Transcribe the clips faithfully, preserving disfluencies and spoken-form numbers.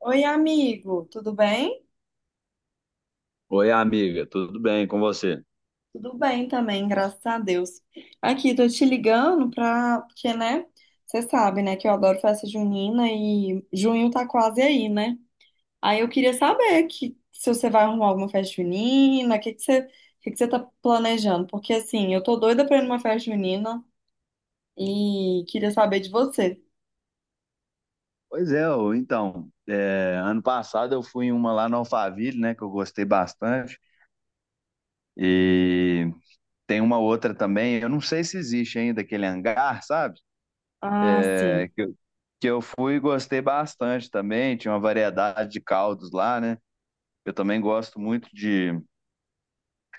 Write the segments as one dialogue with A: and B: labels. A: Oi, amigo, tudo bem?
B: Oi, amiga, tudo bem com você?
A: Tudo bem também, graças a Deus. Aqui, tô te ligando pra... Porque, né, você sabe, né, que eu adoro festa junina e junho tá quase aí, né? Aí eu queria saber que se você vai arrumar alguma festa junina, o que que você, o que que você tá planejando? Porque, assim, eu tô doida pra ir numa festa junina e queria saber de você.
B: Pois é, ô, então, é, ano passado eu fui em uma lá no Alphaville, né, que eu gostei bastante, e tem uma outra também, eu não sei se existe ainda aquele hangar, sabe?
A: Ah,
B: É,
A: sim.
B: que, eu- que eu fui e gostei bastante também, tinha uma variedade de caldos lá, né? Eu também gosto muito de,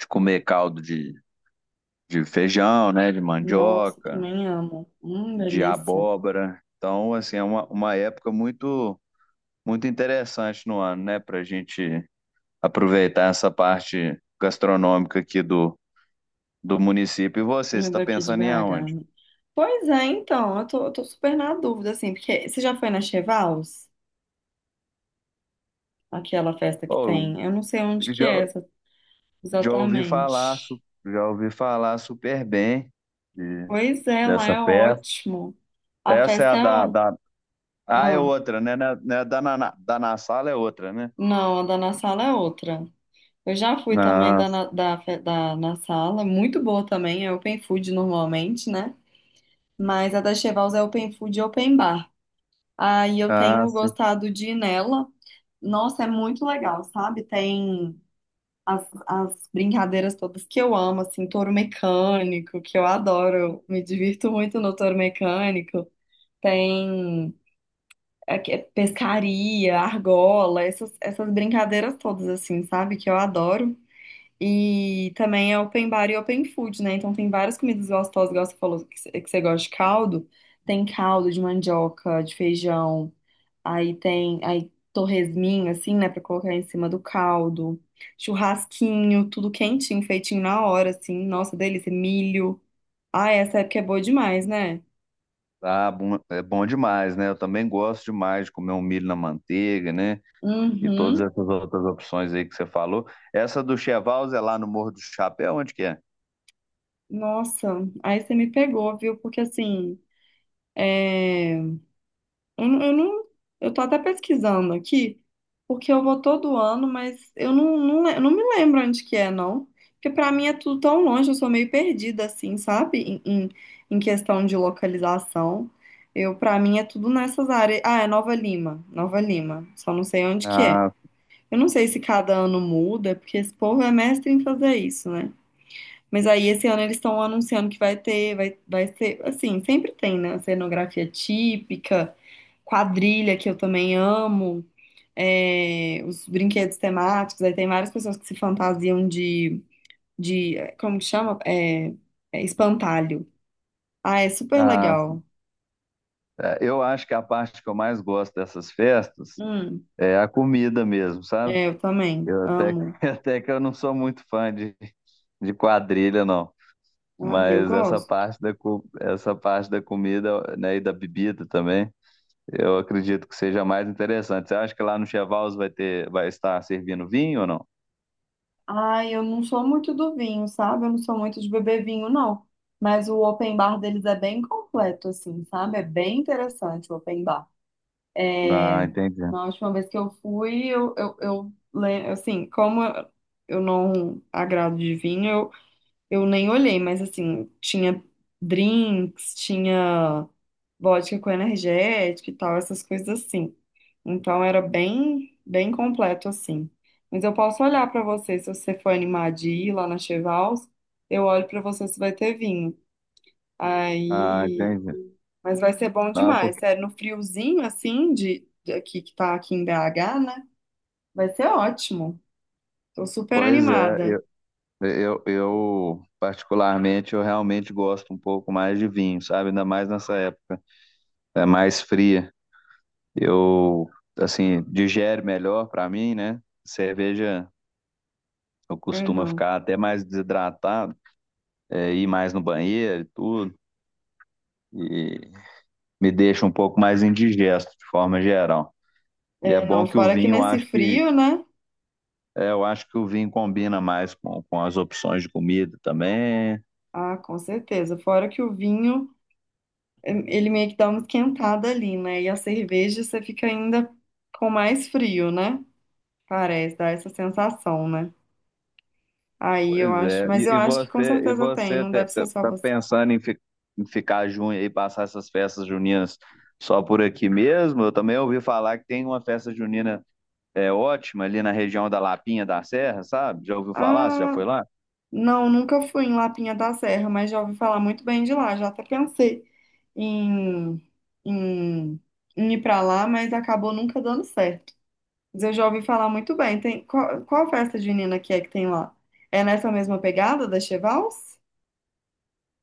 B: de comer caldo de, de feijão, né, de
A: Nossa,
B: mandioca,
A: também amo. Hum,
B: de
A: delícia.
B: abóbora, então, assim, é uma, uma época muito muito interessante no ano, né? Para a gente aproveitar essa parte gastronômica aqui do, do município. E você, você
A: É
B: está
A: daqui de
B: pensando em
A: B H,
B: aonde?
A: né? Pois é, então, eu tô, eu tô super na dúvida, assim, porque você já foi na Chevals? Aquela festa que
B: Oh,
A: tem? Eu não sei onde
B: eu
A: que é
B: já,
A: essa,
B: já ouvi falar,
A: exatamente.
B: su- já ouvi falar super bem de-
A: Pois é, lá
B: dessa
A: é
B: festa.
A: ótimo. A
B: Essa é
A: festa
B: a
A: é...
B: da,
A: ó-
B: da... Ah, é
A: Ah,
B: outra, né? Né- né, Da, na, na- da na sala é outra, né?
A: não, a da Na Sala é outra. Eu já fui também
B: Ah,
A: da, na- da, fe- da Na Sala, muito boa também, é open food normalmente, né? Mas a da Chevals é open food e open bar. Aí eu
B: ah,
A: tenho
B: sim.
A: gostado de ir nela. Nossa, é muito legal, sabe? Tem as, as brincadeiras todas que eu amo, assim, touro mecânico, que eu adoro, me divirto muito no touro mecânico. Tem é, que- é pescaria, argola, essas, essas brincadeiras todas, assim, sabe? Que eu adoro. E também é open bar e open food, né? Então tem várias comidas gostosas, igual você falou que você que você gosta de caldo. Tem caldo de mandioca, de feijão. Aí tem aí torresminho, assim, né, pra colocar em cima do caldo. Churrasquinho, tudo quentinho, feitinho na hora, assim. Nossa, delícia. Milho. Ah, essa época é boa demais, né?
B: Ah, bom, é bom demais, né? Eu também gosto demais de comer um milho na manteiga, né? E todas
A: Uhum.
B: essas outras opções aí que você falou. Essa do Chevals é lá no Morro do Chapéu, onde que é?
A: Nossa, aí você me pegou, viu? Porque assim, é... Eu, não- eu não, eu tô até pesquisando aqui, porque eu vou todo ano, mas eu não, não, le- eu não me lembro onde que é, não. Porque pra mim é tudo tão longe, eu sou meio perdida, assim, sabe? Em em, em questão de localização. Eu, pra mim é tudo nessas áreas. Ah, é Nova Lima, Nova Lima. Só não sei onde que é.
B: Ah,
A: Eu não sei se cada ano muda, porque esse povo é mestre em fazer isso, né? Mas aí esse ano eles estão anunciando que vai ter, vai, vai ser, assim, sempre tem, né? Cenografia típica, quadrilha, que eu também amo, é, os brinquedos temáticos, aí tem várias pessoas que se fantasiam de, de eh, como que chama? É, é espantalho. Ah, é super
B: ah,
A: legal.
B: é, eu acho que a parte que eu mais gosto dessas festas
A: Hum,
B: é a comida mesmo, sabe?
A: é, eu também
B: Eu até,
A: amo.
B: até que eu não sou muito fã de, de quadrilha, não.
A: Ai, eu
B: Mas essa
A: gosto.
B: parte da, co- essa parte da comida, né, e da bebida também, eu acredito que seja mais interessante. Você acha que lá no Chevals vai ter, vai estar servindo vinho ou não?
A: Ai, eu não sou muito do vinho, sabe? Eu não sou muito de beber vinho, não. Mas o open bar deles é bem completo, assim, sabe? É bem interessante o open bar.
B: Ah,
A: É,
B: entendi.
A: na última vez que eu fui, eu, eu, eu le- assim, como eu não agrado de vinho, eu, eu nem olhei, mas assim, tinha drinks, tinha vodka com energético e tal, essas coisas assim. Então era bem, bem completo assim. Mas eu posso olhar pra você se você for animar de ir lá na Chevals, eu olho pra você se vai ter vinho.
B: Ah,
A: Aí,
B: entendi.
A: mas vai ser bom
B: Não, é
A: demais,
B: porque...
A: sério, no friozinho assim de, de aqui que tá aqui em B H, né? Vai ser ótimo. Tô super
B: Pois é,
A: animada.
B: eu, eu, eu particularmente eu realmente gosto um pouco mais de vinho, sabe? Ainda mais nessa época, é mais fria. Eu assim, digere melhor para mim, né? Cerveja eu
A: É,
B: costumo
A: não.
B: ficar até mais desidratado, é, ir mais no banheiro e tudo, e me deixa um pouco mais indigesto de forma geral. E é
A: É, não,
B: bom que o
A: fora que
B: vinho, eu
A: nesse
B: acho que
A: frio, né?
B: é, eu acho que o vinho combina mais com, com as opções de comida também.
A: Ah, com certeza. Fora que o vinho ele meio que dá uma esquentada ali, né? E a cerveja você fica ainda com mais frio, né? Parece, dá essa sensação, né? Aí eu
B: Pois
A: acho,
B: é,
A: mas eu
B: e, e
A: acho que com
B: você, e
A: certeza tem,
B: você
A: não
B: te-
A: deve ser
B: te-
A: só
B: tá
A: você.
B: pensando em, fi- em ficar junho e passar essas festas juninas só por aqui mesmo? Eu também ouvi falar que tem uma festa junina é, ótima ali na região da Lapinha da Serra, sabe? Já ouviu falar? Você já
A: Ah,
B: foi lá?
A: não, nunca fui em Lapinha da Serra, mas já ouvi falar muito bem de lá, já até pensei em, em, em ir pra lá, mas acabou nunca dando certo. Mas eu já ouvi falar muito bem. Tem, qual, qual festa junina que é que tem lá? É nessa mesma pegada da Chevals?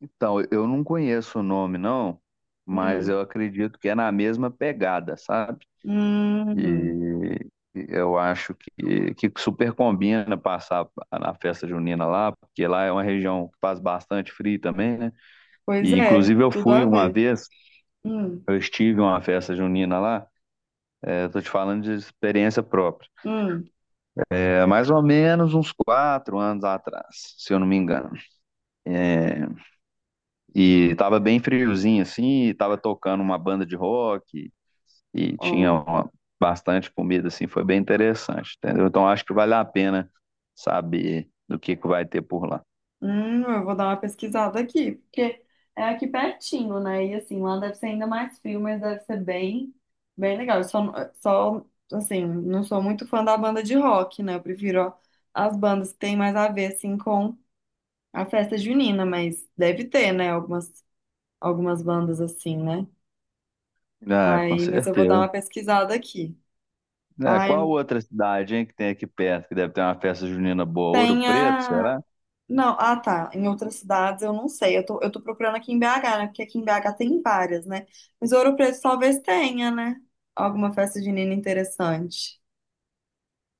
B: Então, eu não conheço o nome, não, mas
A: Hum.
B: eu acredito que é na mesma pegada, sabe?
A: Hum,
B: E e eu acho que, que super combina passar na festa junina lá, porque lá é uma região que faz bastante frio também, né?
A: pois
B: E
A: é,
B: inclusive eu
A: tudo a
B: fui uma
A: ver.
B: vez,
A: Hum,
B: eu estive em uma festa junina lá, é, tô te falando de experiência própria.
A: hum,
B: É mais ou menos uns quatro anos atrás, se eu não me engano. É, e tava bem friozinho assim, e tava tocando uma banda de rock e tinha
A: ó.
B: uma- bastante comida assim, foi bem interessante, entendeu? Então acho que vale a pena saber do que que vai ter por lá.
A: Hum, eu vou dar uma pesquisada aqui, porque é aqui pertinho, né? E assim, lá deve ser ainda mais frio, mas deve ser bem, bem legal. Eu só, só, assim, não sou muito fã da banda de rock, né? Eu prefiro ó, as bandas que têm mais a ver, assim, com a festa junina, mas deve ter, né? Algumas, algumas bandas assim, né?
B: Ah, com
A: Aí, mas eu vou dar
B: certeza.
A: uma pesquisada aqui.
B: É, qual
A: Ai,
B: outra cidade, hein, que tem aqui perto que deve ter uma festa junina boa? Ouro
A: tem
B: Preto,
A: a.
B: será?
A: Não, ah tá. Em outras cidades eu não sei. Eu tô, eu tô procurando aqui em B H, né? Porque aqui em B H tem várias, né? Mas Ouro Preto talvez tenha, né? Alguma festa junina interessante.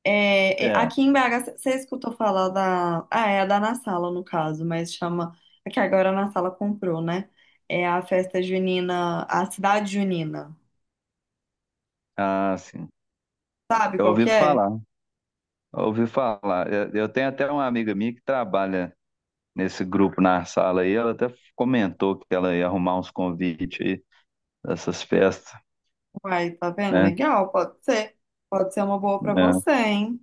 A: É, e-
B: É,
A: aqui em B H, você escutou falar da. Ah, é a da Na Sala, no caso, mas chama. É que agora a Na Sala comprou, né? É a festa junina, a cidade junina.
B: ah, sim.
A: Sabe
B: Eu
A: qual
B: ouvi
A: que é?
B: falar, eu ouvi falar. Eu, eu tenho até uma amiga minha que trabalha nesse grupo na sala aí. Ela até comentou que ela ia arrumar uns convites aí dessas festas,
A: Uai, tá vendo?
B: né?
A: Legal, pode ser. Pode ser uma boa pra
B: É,
A: você, hein?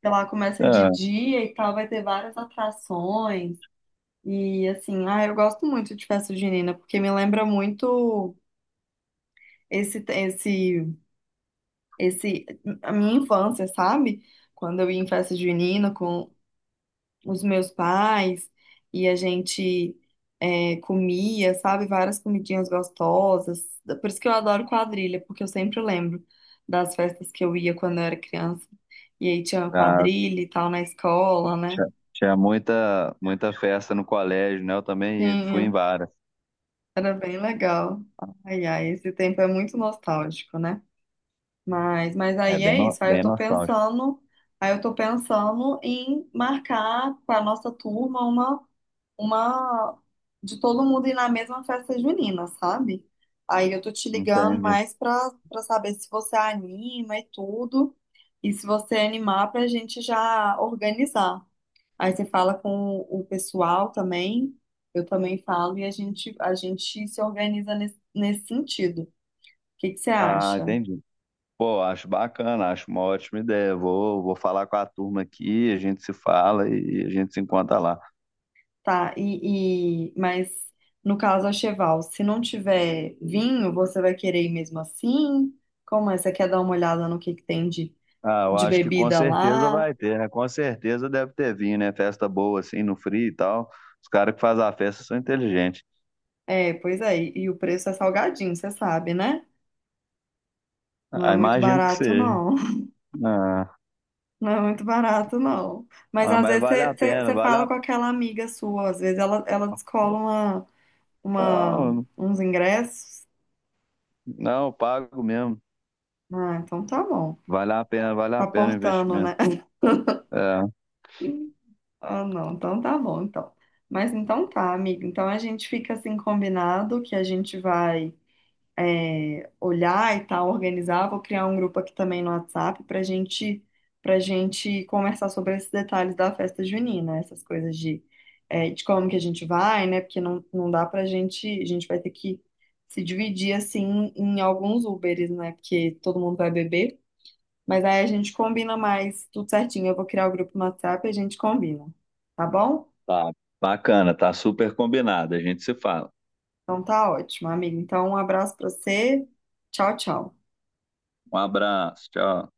A: Sei lá, começa de
B: é.
A: dia e tal, vai ter várias atrações. E assim, ah, eu gosto muito de festa junina, porque me lembra muito esse, esse, esse, a minha infância, sabe? Quando eu ia em festa junina com os meus pais e a gente é, comia, sabe, várias comidinhas gostosas. Por isso que eu adoro quadrilha, porque eu sempre lembro das festas que eu ia quando eu era criança. E aí tinha
B: Ah,
A: quadrilha e tal na escola, né?
B: tinha, tinha muita, muita festa no colégio, né? Eu também
A: Tinha,
B: fui em várias.
A: era bem legal. Ai, ai, esse tempo é muito nostálgico, né? Mas, mas
B: É
A: aí
B: bem,
A: é
B: no-
A: isso. Aí eu
B: bem
A: tô
B: nostálgico.
A: pensando, aí eu tô pensando em marcar para nossa turma uma, uma de todo mundo ir na mesma festa junina, sabe? Aí eu tô te ligando
B: Entendi.
A: mais para para saber se você anima e tudo, e se você animar pra gente já organizar. Aí você fala com o pessoal também, eu também falo e a gente a gente se organiza nesse nesse sentido. O que que você
B: Ah,
A: acha?
B: entendi. Pô, acho bacana, acho uma ótima ideia. Vou, vou falar com a turma aqui, a gente se fala e a gente se encontra lá.
A: Tá, e, e- mas no caso a Cheval, se não tiver vinho, você vai querer ir mesmo assim? Como é? Você quer dar uma olhada no que, que tem de,
B: Ah, eu
A: de
B: acho que com
A: bebida
B: certeza
A: lá?
B: vai ter, né? Com certeza deve ter vindo, né? Festa boa, assim, no frio e tal. Os caras que fazem a festa são inteligentes.
A: É, pois é, e, e o preço é salgadinho, você sabe, né? Não é
B: Ah,
A: muito
B: imagino que
A: barato,
B: seja.
A: não.
B: Ah,
A: Não é muito barato, não. Mas
B: ah,
A: às
B: mas
A: vezes
B: vale
A: você
B: a
A: você-
B: pena,
A: você
B: vale
A: fala
B: a...
A: com aquela amiga sua, às vezes ela, ela descola uma, uma-
B: Não,
A: uns ingressos.
B: não, eu pago mesmo.
A: Ah, então tá bom.
B: Vale a pena, vale a
A: Tá
B: pena o
A: portando,
B: investimento.
A: né?
B: É,
A: Ah, não, então tá bom, então. Mas então tá, amiga. Então a gente fica assim combinado que a gente vai é, olhar e tal, organizar. Vou criar um grupo aqui também no WhatsApp pra gente pra gente conversar sobre esses detalhes da festa junina, essas coisas de, é, de como que a gente vai, né? Porque não, não dá pra gente, a gente vai ter que se dividir assim em alguns Uberes, né? Porque todo mundo vai beber. Mas aí a gente combina mais tudo certinho. Eu vou criar o grupo no WhatsApp e a gente combina. Tá bom?
B: tá, bacana, tá super combinado. A gente se fala.
A: Então tá ótimo, amigo. Então um abraço pra você. Tchau, tchau.
B: Um abraço, tchau.